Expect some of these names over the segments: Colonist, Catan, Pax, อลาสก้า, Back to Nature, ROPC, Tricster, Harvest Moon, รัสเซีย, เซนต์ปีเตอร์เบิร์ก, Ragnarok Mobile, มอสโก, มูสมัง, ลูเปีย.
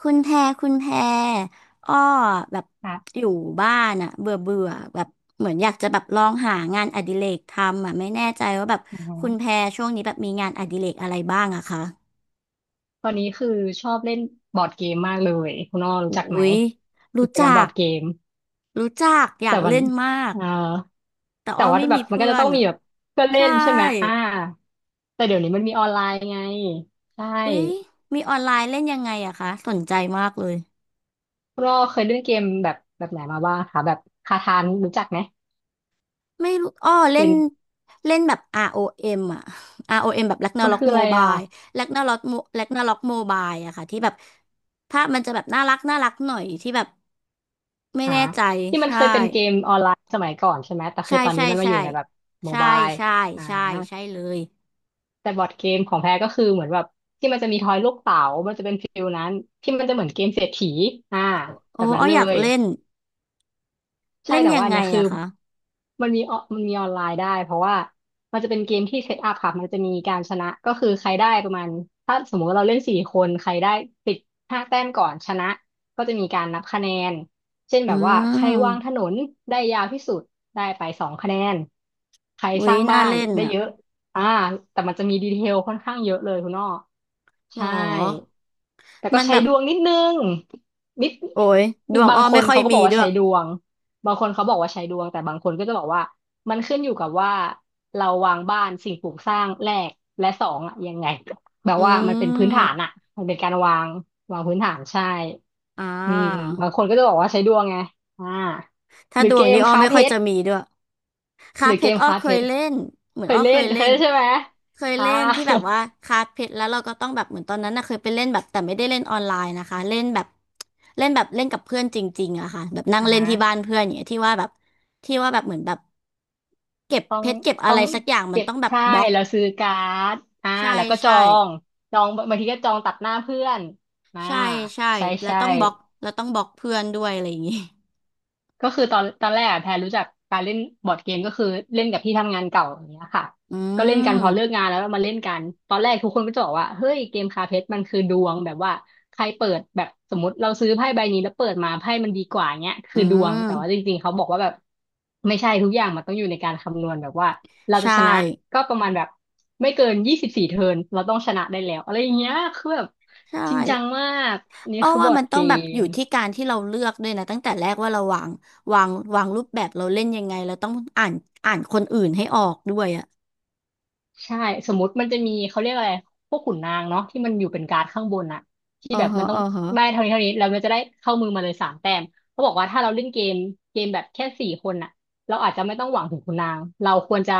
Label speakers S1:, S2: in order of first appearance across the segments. S1: คุณแพรคุณแพรอ้อแบบ
S2: ค่ะ
S1: อยู่บ้านอะเบื่อเบื่อแบบเหมือนอยากจะแบบลองหางานอดิเรกทำอะไม่แน่ใจว่าแบบ
S2: อ่าฮะ
S1: คุณแพรช่วงนี้แบบมีงานอดิเรกอะไรบ้างอะคะ
S2: ตอนนี้คือชอบเล่นบอร์ดเกมมากเลยคุณอ้อรู้
S1: อุ้
S2: จักไหม
S1: ยรู้
S2: กิจก
S1: จั
S2: รรมบอ
S1: ก
S2: ร์ดเกม
S1: รู้จักอยา
S2: แต่
S1: ก
S2: มัน
S1: เล่นมาก
S2: เอ่อ
S1: แต่
S2: แต่
S1: อ้อ
S2: ว่า
S1: ไม่
S2: แบ
S1: มี
S2: บมันก็
S1: เพื่อ
S2: จะต้
S1: น
S2: องมี
S1: อะ
S2: แบบเพื่อนเล่
S1: ใช่
S2: นใช่ไหมอ่าแต่เดี๋ยวนี้มันมีออนไลน์ไงใช่
S1: อุ้ยมีออนไลน์เล่นยังไงอะคะสนใจมากเลย
S2: คุณอ้อเคยเล่นเกมแบบไหนมาบ้างคะแบบคาทานรู้จักไหม
S1: ไม่รู้อ้อเล่
S2: เป็
S1: น
S2: น
S1: เล่นแบบ ROM อเอ็มอ่ะ ROM แบบ
S2: มัน
S1: Ragnarok
S2: คืออะไรอ่ะ
S1: Mobile Ragnarok Mobile อะค่ะที่แบบภาพมันจะแบบน่ารักน่ารักหน่อยที่แบบไม่
S2: หา
S1: แน่ใจ
S2: ที่มัน
S1: ใช่
S2: เคยเป็นเกมออนไลน์สมัยก่อนใช่ไหมแต่คื
S1: ใช่
S2: อตอน
S1: ใช่
S2: นี้มันมาอ
S1: ใช่
S2: ยู่ในแบบโม
S1: ใช่
S2: บาย
S1: ใช่
S2: อ่า
S1: ใช่ใช่เลย
S2: แต่บอร์ดเกมของแพ้ก็คือเหมือนแบบที่มันจะมีทอยลูกเต๋า มันจะเป็นฟิลนั้นที่มันจะเหมือนเกมเศรษฐีอ่า
S1: โอ้อ
S2: แบบนั้
S1: ้
S2: น
S1: อ
S2: เล
S1: อยาก
S2: ย
S1: เล่น
S2: ใช่
S1: เล่น
S2: แต่
S1: ยั
S2: ว่า
S1: ง
S2: อัน
S1: ไง
S2: เนี้ยคือ
S1: อะคะ
S2: มันมีออนไลน์ได้เพราะว่ามันจะเป็นเกมที่เซตอัพค่ะมันจะมีการชนะก็คือใครได้ประมาณถ้าสมมติว่าเราเล่นสี่คนใครได้ติดห้าแต้มก่อนชนะก็จะมีการนับคะแนนเช่น
S1: อื
S2: แบบว่าใครวางถ
S1: ม
S2: นนได้ยาวที่สุดได้ไป2 คะแนนใครส
S1: อุ๊ย
S2: ร้าง
S1: น่า
S2: บ้าน
S1: เล่น
S2: ได้
S1: อะ
S2: เยอะอ่าแต่มันจะมีดีเทลค่อนข้างเยอะเลยคุณอ้อ
S1: หรอ
S2: ใช่ แต่ก็
S1: มัน
S2: ใช้
S1: แบบ
S2: ดวงนิดนึงนิด
S1: โอ้ยดวง
S2: บา
S1: อ้
S2: ง
S1: อ
S2: ค
S1: ไม่
S2: น
S1: ค่อย
S2: เขาก็
S1: มี
S2: บอกว่า
S1: ด้วย
S2: ใช้ดวงบางคนเขาบอกว่าใช้ดวงแต่บางคนก็จะบอกว่ามันขึ้นอยู่กับว่าเราวางบ้านสิ่งปลูกสร้างแรกและสองอะยังไงแบบ
S1: อื
S2: ว่ามันเป็นพื้นฐาน
S1: ม
S2: อะมันเป็นการวางพื้นฐานใช่
S1: อ่
S2: อืม
S1: า
S2: บางคนก็จะบอกว่าใช้ดวงไงอ่า
S1: ถ้า
S2: หรื
S1: ด
S2: อ
S1: ว
S2: เก
S1: ง
S2: ม
S1: นี้อ้อ
S2: ค้า
S1: ไม่
S2: เพ
S1: ค่อย
S2: ช
S1: จะ
S2: ร
S1: มีด้วย
S2: ห
S1: คาร์
S2: รื
S1: ด
S2: อ
S1: เพ
S2: เก
S1: ชร
S2: ม
S1: อ้อ
S2: ค้า
S1: เค
S2: เพ
S1: ย
S2: ชร
S1: เล่นเหมือ
S2: เค
S1: นอ้
S2: ย
S1: อ
S2: เล่
S1: เค
S2: น
S1: ย
S2: เค
S1: เล่
S2: ย
S1: น
S2: เล่นใช่ไหม
S1: เคย
S2: อ่า
S1: เล่นที่แบบว่าคาร์ดเพชรแล้วเราก็ต้องแบบเหมือนตอนนั้นนะเคยไปเล่นแบบแต่ไม่ได้เล่นออนไลน์นะคะเล่นแบบเล่นกับเพื่อนจริงๆอะค่ะแบบ นั่งเล่
S2: อ่า
S1: นที่บ้า นเพื่อนอย่างเงี้ยที่ว่าแบบที่ว่าแบบเหมือนแบบเก็บ
S2: ต้อ
S1: เพ
S2: ง
S1: ชรเก็บอะ
S2: ต้อ
S1: ไร
S2: ง
S1: สักอย่างมัน
S2: เก็บ
S1: ต้องแบบ
S2: ใช่
S1: บล็อก
S2: แล้วซื้อการ์ดอ่า
S1: ใช่
S2: แล้วก็
S1: ใช่
S2: งจองบางทีก็จองตัดหน้าเพื่อนอ่า
S1: ใช่ใช่
S2: ใช่
S1: แล้ว
S2: ใช่
S1: ต้องบล็อกแล้วต้องบล็อกเพื่อนด้วยอะไรอย่างงี้
S2: ก็คือตอนแรกอะแพรรู้จักการเล่นบอร์ดเกมก็คือเล่นกับที่ทำงานเก่าอย่างเงี้ยค่ะ
S1: อื
S2: ก็เล่นกัน
S1: ม
S2: พอเลิกงานแล้วก็มาเล่นกันตอนแรกทุกคนก็จะบอกว่าเฮ้ยเกมคาเพชรมันคือดวงแบบว่าใครเปิดแบบสมมติเราซื้อไพ่ใบนี้แล้วเปิดมาไพ่มันดีกว่าเงี้ย
S1: อื
S2: คือดว
S1: ม
S2: งแต่ว่าจริงๆเขาบอกว่าแบบไม่ใช่ทุกอย่างมันต้องอยู่ในการคำนวณแบบว่าเราจะ
S1: ใช่
S2: ชนะก็ประมาณแบบไม่เกิน24 เทิร์นเราต้องชนะได้แล้วอะไรอย่างเงี้ยคือแบบ
S1: ใช่
S2: จริงจังมากนี่
S1: อ้อ
S2: คือบ
S1: ว่า
S2: อร์
S1: มั
S2: ด
S1: นต้
S2: เก
S1: องแบบอ
S2: ม
S1: ยู่ที่การที่เราเลือกด้วยนะตั้งแต่แรกว่าเราวางวางวางรูปแบบเราเล่นยังไงเราต้องอ่านคนอื่นให้ออกด้วยอ่ะ
S2: ใช่สมมติมันจะมีเขาเรียกอะไรพวกขุนนางเนาะที่มันอยู่เป็นการ์ดข้างบนอะที่
S1: อ๋อ
S2: แบบ
S1: ฮะ
S2: มันต้อ
S1: อ๋
S2: ง
S1: อฮะ
S2: ได้เท่านี้เท่านี้แล้วมันจะได้เข้ามือมาเลยสามแต้มเขาบอกว่าถ้าเราเล่นเกมแบบแค่สี่คนอะเราอาจจะไม่ต้องหวังถึงขุนนางเราควรจะ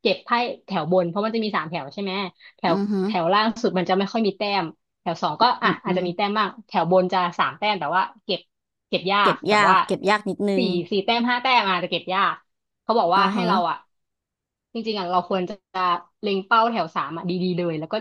S2: เก็บไพ่แถวบนเพราะมันจะมีสามแถวใช่ไหมแถว
S1: อือฮึ
S2: แถวล่างสุดมันจะไม่ค่อยมีแต้มแถวสองก็
S1: อื
S2: อ่ะ
S1: มอื
S2: อาจจะ
S1: ม
S2: มีแต้มบ้างแถวบนจะสามแต้มแต่ว่าเก็บยา
S1: เก็
S2: ก
S1: บ
S2: แบบ
S1: ยาก
S2: ว่า
S1: นิดนึง
S2: สี่แต้มห้าแต้มอาจจะเก็บยาก เขาบอก
S1: อ๋อ
S2: ว่าให้
S1: ฮะ
S2: เราอ่ะจริงๆอ่ะเราควรจะเล็งเป้าแถวสามอ่ะดีๆเลยแล้วก็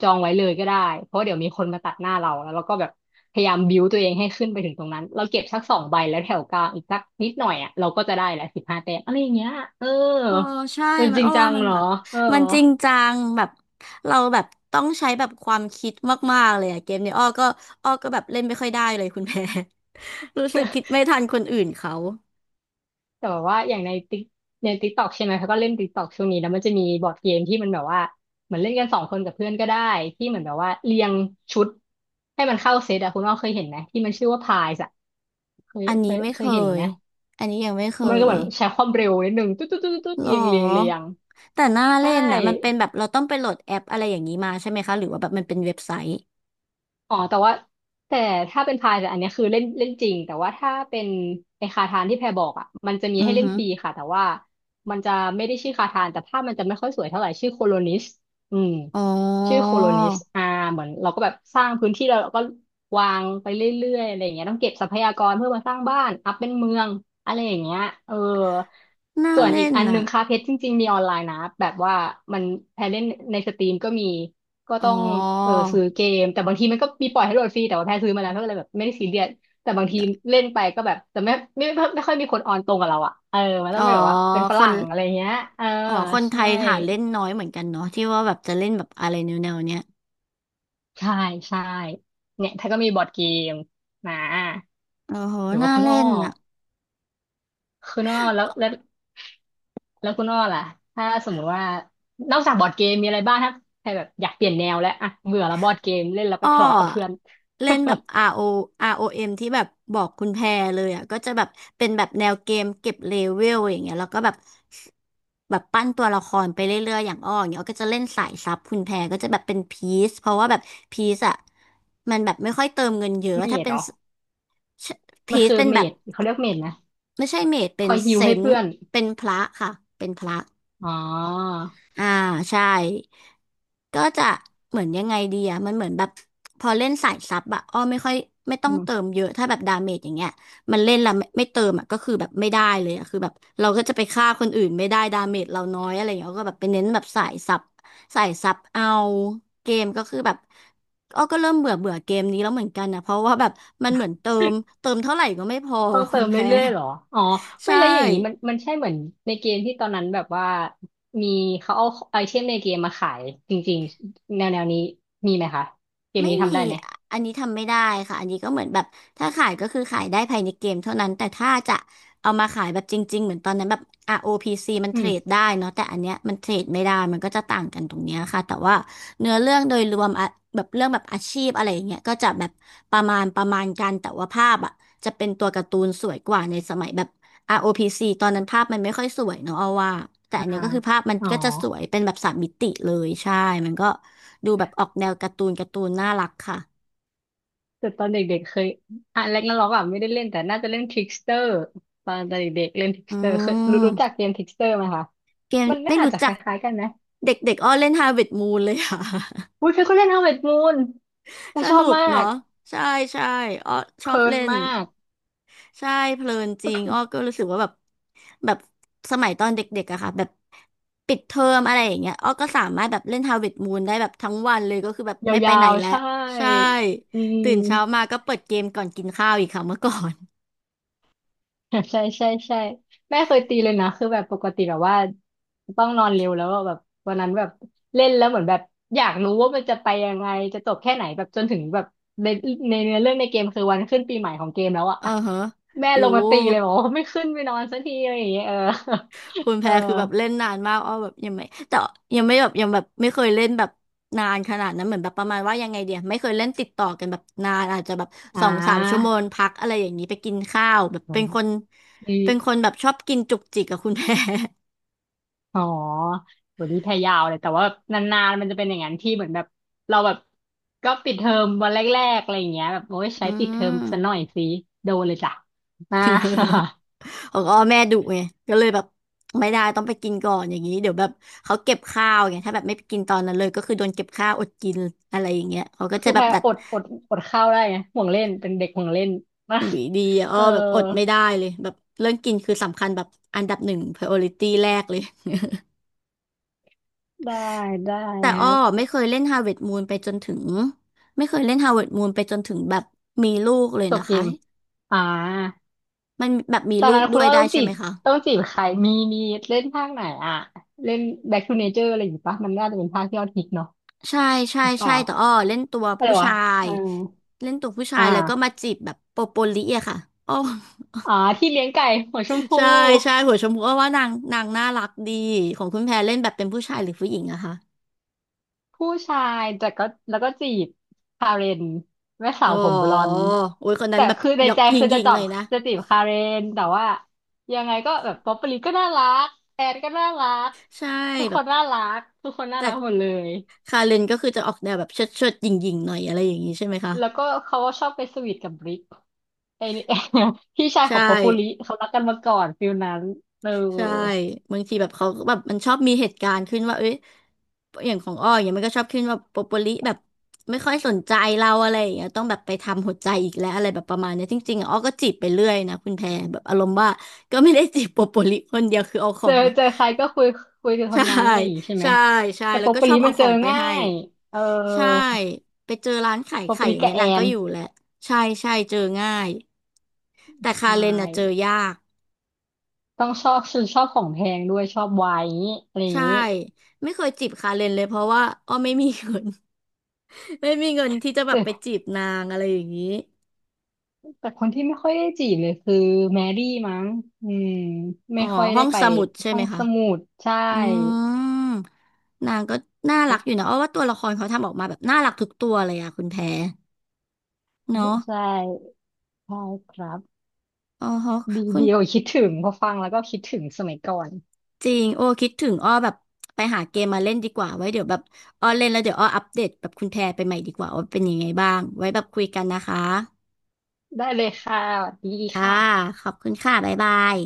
S2: จองไว้เลยก็ได้เพราะเดี๋ยวมีคนมาตัดหน้าเราแล้วเราก็แบบพยายามบิวตัวเองให้ขึ้นไปถึงตรงนั้นเราเก็บสักสองใบแล้วแถวกลางอีกสักนิดหน่อยอ่ะเราก็จะได้แหละ15 แต้มอะไรอย่างเงี้ยเออ
S1: โอ้ใช่
S2: มัน
S1: มั
S2: จ
S1: น
S2: ริ
S1: อ้
S2: ง
S1: อ
S2: จั
S1: ว่า
S2: ง
S1: มัน
S2: เหรอ
S1: แบบ
S2: เออ
S1: มันจริงจังแบบเราแบบต้องใช้แบบความคิดมากๆเลยอะเกมเนี้ยอ้อก็อ้อก็แบบเล่นไม่ค่อยได้เลยคุณ แพร รู้สึกคิดไม่ทันคนอื่นเขา
S2: แต่แบบว่าอย่างในติ๊กต็อกใช่ไหมเขาก็เล่นติ๊กต็อกช่วงนี้แล้วมันจะมีบอร์ดเกมที่มันแบบว่าเหมือนเล่นกันสองคนกับเพื่อนก็ได้ที่เหมือนแบบว่าเรียงชุดให้มันเข้าเซตอะคุณว่าเคยเห็นไหมที่มันชื่อว่าพายส์อะเคย
S1: อัน
S2: เค
S1: นี้
S2: ย
S1: ไม่
S2: เค
S1: เค
S2: ยเห็น
S1: ย
S2: ไหม
S1: อันนี้ยังไม่เค
S2: มันก็เห
S1: ย
S2: มือนใช้ความเร็วนิดนึงตุ๊ดตุ๊ดตุ๊ดตุ๊ด
S1: หรอ
S2: เรียงเรียงเรียง
S1: แต่หน้า
S2: ใช
S1: เล่นน่ะมันเป็น
S2: ่
S1: แบบเราต้องไปโหลดแอปอะไรอย่างนี้มาใช่ไหมคะหรือว่าแบบมันเป็นเว็บไซต์
S2: อ๋อแต่ถ้าเป็นพายแต่อันเนี้ยคือเล่นเล่นจริงแต่ว่าถ้าเป็นไอคาทานที่แพรบอกอ่ะมันจะมี
S1: อื
S2: ให้
S1: อ
S2: เล่
S1: ฮึ
S2: นฟรีค่ะแต่ว่ามันจะไม่ได้ชื่อคาทานแต่ภาพมันจะไม่ค่อยสวยเท่าไหร่ชื่อโคโลนิสอืม
S1: อ๋
S2: ชื่อโค
S1: อ
S2: โลนิสอ่าเหมือนเราก็แบบสร้างพื้นที่แล้วเราก็วางไปเรื่อยๆอะไรอย่างเงี้ยต้องเก็บทรัพยากรเพื่อมาสร้างบ้านอัพเป็นเมืองอะไรอย่างเงี้ยเออ
S1: หน้า
S2: ส่วนอี
S1: เล่
S2: ก
S1: น
S2: อันห
S1: น่ะ
S2: นึ่งคาเพชรจริงๆมีออนไลน์นะแบบว่ามันแพรเล่นในสตรีมก็มี ก็
S1: อ๋อ
S2: ต้องซื้อเกมแต่บางทีมันก็มีปล่อยให้โหลดฟรีแต่ว่าแพ้ซื้อมาแล้วก็เลยแบบไม่ได้ซีเรียสแต่บางทีเล่นไปก็แบบแต่ไม่ค่อยมีคนออนตรงกับเราอ่ะเออมันต้อ
S1: อ๋
S2: ง
S1: อ
S2: เป็นแบบว่าเป็นฝ
S1: ค
S2: รั่
S1: น
S2: งอะไรเงี้ยเออ
S1: อ๋อคนไท
S2: ใช่
S1: ยหาเล่นน้อยเหมือนกันเนาะที่ว่าแบบจะเล่นแบบอะไรแนวๆเนี้ย
S2: ใช่ใช่เนี่ยถ้าก็มีบอร์ดเกมนะ
S1: โอ้โห
S2: หรือ
S1: หน้า
S2: ว่าคุณ
S1: เล่
S2: อ้อ
S1: นน่ะ
S2: คุณอ้อแล้วคุณอ้อล่ะถ้าสมมุติว่านอกจากบอร์ดเกมมีอะไรบ้างถ้าใครแบบอยากเปลี่ยนแนวแล้วอะเบื่อแล้วบอร์ดเกมเล่นแล้วไป
S1: อ้อ
S2: ทะเลาะกับเพื่อน
S1: เล่นแบบ ROM ที่แบบบอกคุณแพรเลยอ่ะก็จะแบบเป็นแบบแนวเกมเก็บเลเวลอย่างเงี้ยแล้วก็แบบแบบปั้นตัวละครไปเรื่อยๆอย่างอ้ออย่างเงี้ยอ้อก็จะเล่นสายซับคุณแพรก็จะแบบเป็นพีซเพราะว่าแบบพีซอ่ะมันแบบไม่ค่อยเติมเงินเย อะ
S2: ไม่
S1: ถ้าเป็
S2: เห
S1: น
S2: รอ มั
S1: พี
S2: น
S1: ซ
S2: คือ
S1: เป็น
S2: เม
S1: แบบ
S2: ดเขาเรียกเมดนะ
S1: ไม่ใช่เมจเป็
S2: ค
S1: น
S2: อยฮิ
S1: เซ
S2: วให้
S1: นต์
S2: เพื่อน
S1: เป็นพระค่ะเป็นพระ
S2: อ๋อ
S1: อ่าใช่ก็จะเหมือนยังไงดีอะมันเหมือนแบบพอเล่นสายซับอะอ้อไม่ค่อยไม่ต้อ
S2: อื
S1: งเติ
S2: ม
S1: มเยอะถ้าแบบดาเมจอย่างเงี้ยมันเล่นแล้วไม่เติมอะก็คือแบบไม่ได้เลยอะคือแบบเราก็จะไปฆ่าคนอื่นไม่ได้ดาเมจเราน้อยอะไรอย่างเงี้ยก็แบบไปเน้นแบบสายซับสายซับเอาเกมก็คือแบบอ้อก็เริ่มเบื่อเบื่อเกมนี้แล้วเหมือนกันนะเพราะว่าแบบมันเหมือนเติมเท่าไหร่ก็ไม่พอ
S2: ต้อง
S1: คุ
S2: เติ
S1: ณ
S2: ม
S1: แพ้
S2: เรื่อยๆเหรออ๋อ ไม่
S1: ใช่
S2: แล้วอย่างนี้มันใช่เหมือนในเกมที่ตอนนั้นแบบว่ามีเขาเอาไอเทมในเกมมาขายจริงๆแนวนี้มีไหมคะเกม
S1: ไม่
S2: นี้
S1: มี
S2: ทำได้ไหม
S1: อะอันนี้ทำไม่ได้ค่ะอันนี้ก็เหมือนแบบถ้าขายก็คือขายได้ภายในเกมเท่านั้นแต่ถ้าจะเอามาขายแบบจริงๆเหมือนตอนนั้นแบบอาร์โอพีซีมัน
S2: อื
S1: เทร
S2: ม
S1: ดได้เนาะแต่อันเนี้ยมันเทรดไม่ได้มันก็จะต่างกันตรงเนี้ยค่ะแต่ว่าเนื้อเรื่องโดยรวมอะแบบเรื่องแบบอาชีพอะไรอย่างเงี้ยก็จะแบบประมาณกันแต่ว่าภาพอะจะเป็นตัวการ์ตูนสวยกว่าในสมัยแบบ ROPC ตอนนั้นภาพมันไม่ค่อยสวยเนาะเอาว่าแต่อั
S2: อ่า
S1: นเนี้ยก็คือภาพมัน
S2: อ๋อ
S1: ก็จะสวยเป็นแบบสามมิติเลยใช่ มันก็ดูแบบออกแนวการ์ตูนน่ารักค่ะ
S2: แต่ตอนเด็กๆเคยอ่ะแรกนาร็อกอ่ะไม่ได้เล่นแต่น่าจะเล่นทริกสเตอร์ตอนเด็กๆเล่นทริก
S1: อื
S2: สเตอร์เคยรู้จัก
S1: ม
S2: เกมทริกสเตอร์ไหมคะ
S1: เกม
S2: มันน่า
S1: ไม่
S2: อาจ
S1: รู้
S2: จะค
S1: จัก
S2: ล้ายๆกันนะ
S1: เด็กๆอ้อเล่น Harvest Moon เลยค่ะ
S2: อุ้ยเคยก็เล่น Harvest Moon แต่
S1: ส
S2: ชอ
S1: นุ
S2: บ
S1: ก
S2: มา
S1: เนาะ
S2: ก
S1: ใช่ใช่อ้อช
S2: เพ
S1: อบ
S2: ลิน
S1: เล่น
S2: มาก
S1: ใช่เพลินจริงอ้อก็รู้สึกว่าแบบแบบสมัยตอนเด็กๆอะค่ะแบบปิดเทอมอะไรอย่างเงี้ยอ้อก็สามารถแบบเล่น Harvest Moon ได้แบบทั้งวันเลยก็คือแบบ
S2: ย
S1: ไม่ไป
S2: า
S1: ไหน
S2: วๆ
S1: แล้ว
S2: ใช่
S1: ใช่
S2: อื
S1: ตื่
S2: ม
S1: นเช้ามาก็เปิดเกมก่อนกินข้าวอีกค่ะเมื่อก่อน
S2: ใช่ใช่ใช่แม่เคยตีเลยนะคือแบบปกติแบบว่าต้องนอนเร็วแล้วอะแบบวันนั้นแบบเล่นแล้วเหมือนแบบอยากรู้ว่ามันจะไปยังไงจะจบแค่ไหนแบบจนถึงแบบในในเนื้อเรื่องในเกมคือวันขึ้นปีใหม่ของเกมแล้ว อะ
S1: เออฮะ
S2: แม่
S1: โอ้
S2: ลงมาตีเลยบอกว่าไม่ขึ้นไปนอนสักทีอะไรอย่างเงี้ยเออ
S1: คุณแพ
S2: เออ
S1: รคือแบบเล่นนานมากอ้อแบบยังไม่แต่ยังไม่แบบยังแบบไม่เคยเล่นแบบนานขนาดนั้นเหมือนแบบประมาณว่ายังไงเดียไม่เคยเล่นติดต่อกันแบบนานอาจจะแบบ
S2: อ่
S1: สองสามชั่วโม
S2: า
S1: งพักอะไรอย่างนี้ไปกินข้าวแบบ
S2: อื
S1: เป็นคน
S2: ม
S1: แบบชอบกินจุกจิกกับคุณแพร
S2: อ๋อวันนี้แพยาวเลย แต่ว่านานๆมันจะเป็นอย่างนั้นที่เหมือนแบบเราแบบก็ปิดเทอมวันแรกๆอะไรอย่างเงี้ยแบบโอ้ย
S1: อื
S2: ใช้ปิดเทอมซะหน่อ
S1: ม
S2: ยสิโดนเลยจ้ะ อ่า
S1: ของอ้อแม่ดุไงก็เลยแบบไม่ได้ต้องไปกินก่อนอย่างนี้เดี๋ยวแบบเขาเก็บข้าวไงถ้าแบบไม่ไปกินตอนนั้นเลยก็คือโดนเก็บข้าวอดกินอะไรอย่างเงี้ยเขาก็จะ
S2: คือ
S1: แบ
S2: แพ
S1: บ
S2: ร
S1: ดัด
S2: อดข้าวได้ไงห่วงเล่นเป็นเด็กห่วงเล่นนะ
S1: หวีดีอะ อ้
S2: เอ
S1: อ
S2: อ
S1: แบบอดไม่ได้เลยแบบเรื่องกินคือสำคัญแบบอันดับหนึ่ง priority แรกเลย
S2: ได้ได้
S1: แต่
S2: ค
S1: อ้อ
S2: รับ
S1: ไม่เคยเล่น Harvest Moon ไปจนถึงไม่เคยเล่น Harvest Moon ไปจนถึงแบบมีลูกเลย
S2: จ
S1: นะ
S2: บเก
S1: คะ
S2: ม อ่า
S1: มันแบบมี
S2: ตอน
S1: ลูก
S2: นั้นคุ
S1: ด้
S2: ณ
S1: วย
S2: ว่า
S1: ได้
S2: ต้อง
S1: ใช่
S2: จี
S1: ไห
S2: บ
S1: มคะ
S2: ใครมีมีเล่นภาคไหนอ่ะเล่น Back to Nature อะไรอย่างงี้ปะมันน่าจะเป็นภาคที่ยอดฮิตเนาะ
S1: ใช่ใช่
S2: หรือเป
S1: ใช่
S2: ล่า
S1: แต่อ้อเล่นตัว
S2: อะไร
S1: ผู้
S2: วะ
S1: ชาย
S2: เอ่า
S1: เล่นตัวผู้
S2: อ
S1: ชายแล้วก็มา
S2: ่า
S1: จีบแบบโปโปลิอะค่ะอ้อ
S2: อ๋อที่เลี้ยงไก่หัวชม พู
S1: ใช่ใช่หัวชมพูอ้อว่านางน่ารักดีของคุณแพรเล่นแบบเป็นผู้ชายหรือผู้หญิงอะคะ
S2: ผู้ชายแต่ก็แล้วก็จีบคาเรนแม่สา
S1: อ๋อ
S2: วผมบลอนด์
S1: โอ้ยคนนั้
S2: แต่
S1: นแบบ
S2: คือใน
S1: หยอก
S2: ใจ
S1: หย
S2: คือจะ
S1: ิ่ง
S2: จอ
S1: ๆเล
S2: บ
S1: ยนะ
S2: จะจีบคาเรนแต่ว่ายังไงก็แบบป๊อปปลีก็น่ารักแอนก็น่ารัก
S1: ใช่
S2: ทุก
S1: แบ
S2: ค
S1: บ
S2: นน่ารัก
S1: แต่
S2: หมดเลย
S1: คาเรนก็คือจะออกแนวแบบเชิดเชิดหยิ่งยิงๆหน่อยอะไรอย่างนี้ใช่ไหมคะ
S2: แล้วก็เขาก็ชอบไปสวีทกับบริกไอ้นี่ พี่ชายข
S1: ใช่
S2: องป๊อปปูลิเขารักกันมาก่อนฟิลนั้นเออ
S1: ใช่บางทีแบบเขาก็แบบมันชอบมีเหตุการณ์ขึ้นว่าเอ้ยอย่างของอ้ออย่างเงี้ยมันก็ชอบขึ้นว่าโปโปลิแบบไม่ค่อยสนใจเราอะไรอย่างเงี้ยต้องแบบไปทำหัวใจอีกแล้วอะไรแบบประมาณเนี้ยจริงๆอะอ้อก็จีบไปเรื่อยนะคุณแพรแบบอารมณ์ว่าก็ไม่ได้จีบโปโปลิคนเดียวคือเอาข
S2: เจ
S1: อ
S2: อ
S1: ง
S2: เจอใครก็คุยคุยกับค
S1: ใช่
S2: นนั้นอะไรอย่างงี้ใช่ไหม
S1: ใช่ใช่
S2: แต่
S1: แล้
S2: โป
S1: วก็
S2: ป
S1: ชอ
S2: ลิ
S1: บเอา
S2: มัน
S1: ข
S2: เจ
S1: อ
S2: อ
S1: งไป
S2: ง่า
S1: ให้
S2: ยเออ
S1: ใช่ไปเจอร้านขาย
S2: โปป
S1: ไข่อ
S2: ลิ
S1: ย่าง
S2: กั
S1: เงี้
S2: บ
S1: ย
S2: แอ
S1: นางก็
S2: น
S1: อยู่แหละใช่ใช่เจอง่ายแต่คาเร
S2: ใช่
S1: นน่ะเจอยาก
S2: ต้องชอบของแพงด้วยชอบไวน์อย่างงี้อะไรอย่าง
S1: ใช่
S2: นี้
S1: ไม่เคยจีบคาเรนเลยเพราะว่าอ้อไม่มีเงิน ไม่มีเงินที่จะแบบไป
S2: แต่
S1: จีบนางอะไรอย่างนี้
S2: แต่คนที่ไม่ค่อยได้จีบเลยคือแมรี่มั้งอืม
S1: อ๋
S2: ไม่
S1: อ
S2: ค่อย
S1: ห้อ
S2: ได้
S1: ง
S2: ไป
S1: สมุดใช่
S2: ห้อ
S1: ไหม
S2: ง
S1: คะ
S2: สมุดใช่
S1: อืมนางก็น่ารัก
S2: เอ๊ะ
S1: อยู่นะอ้อว่าตัวละครเขาทำออกมาแบบน่ารักทุกตัวเลยอะคุณแพรเนาะ
S2: ใช่ใช่ครับ
S1: อ๋อฮะ
S2: ดี
S1: คุณ
S2: เดียวคิดถึงพอฟังแล้วก็คิดถึงสมัยก่อน
S1: จริงโอ้คิดถึงอ้อแบบไปหาเกมมาเล่นดีกว่าไว้เดี๋ยวแบบอ้อเล่นแล้วเดี๋ยวอ้ออัปเดตแบบคุณแพรไปใหม่ดีกว่าว่าเป็นยังไงบ้างไว้แบบคุยกันนะคะ
S2: ได้เลยค่ะสวัสดี
S1: ค่ะ
S2: ค่ะ
S1: ขอบคุณค่ะบ๊ายบาย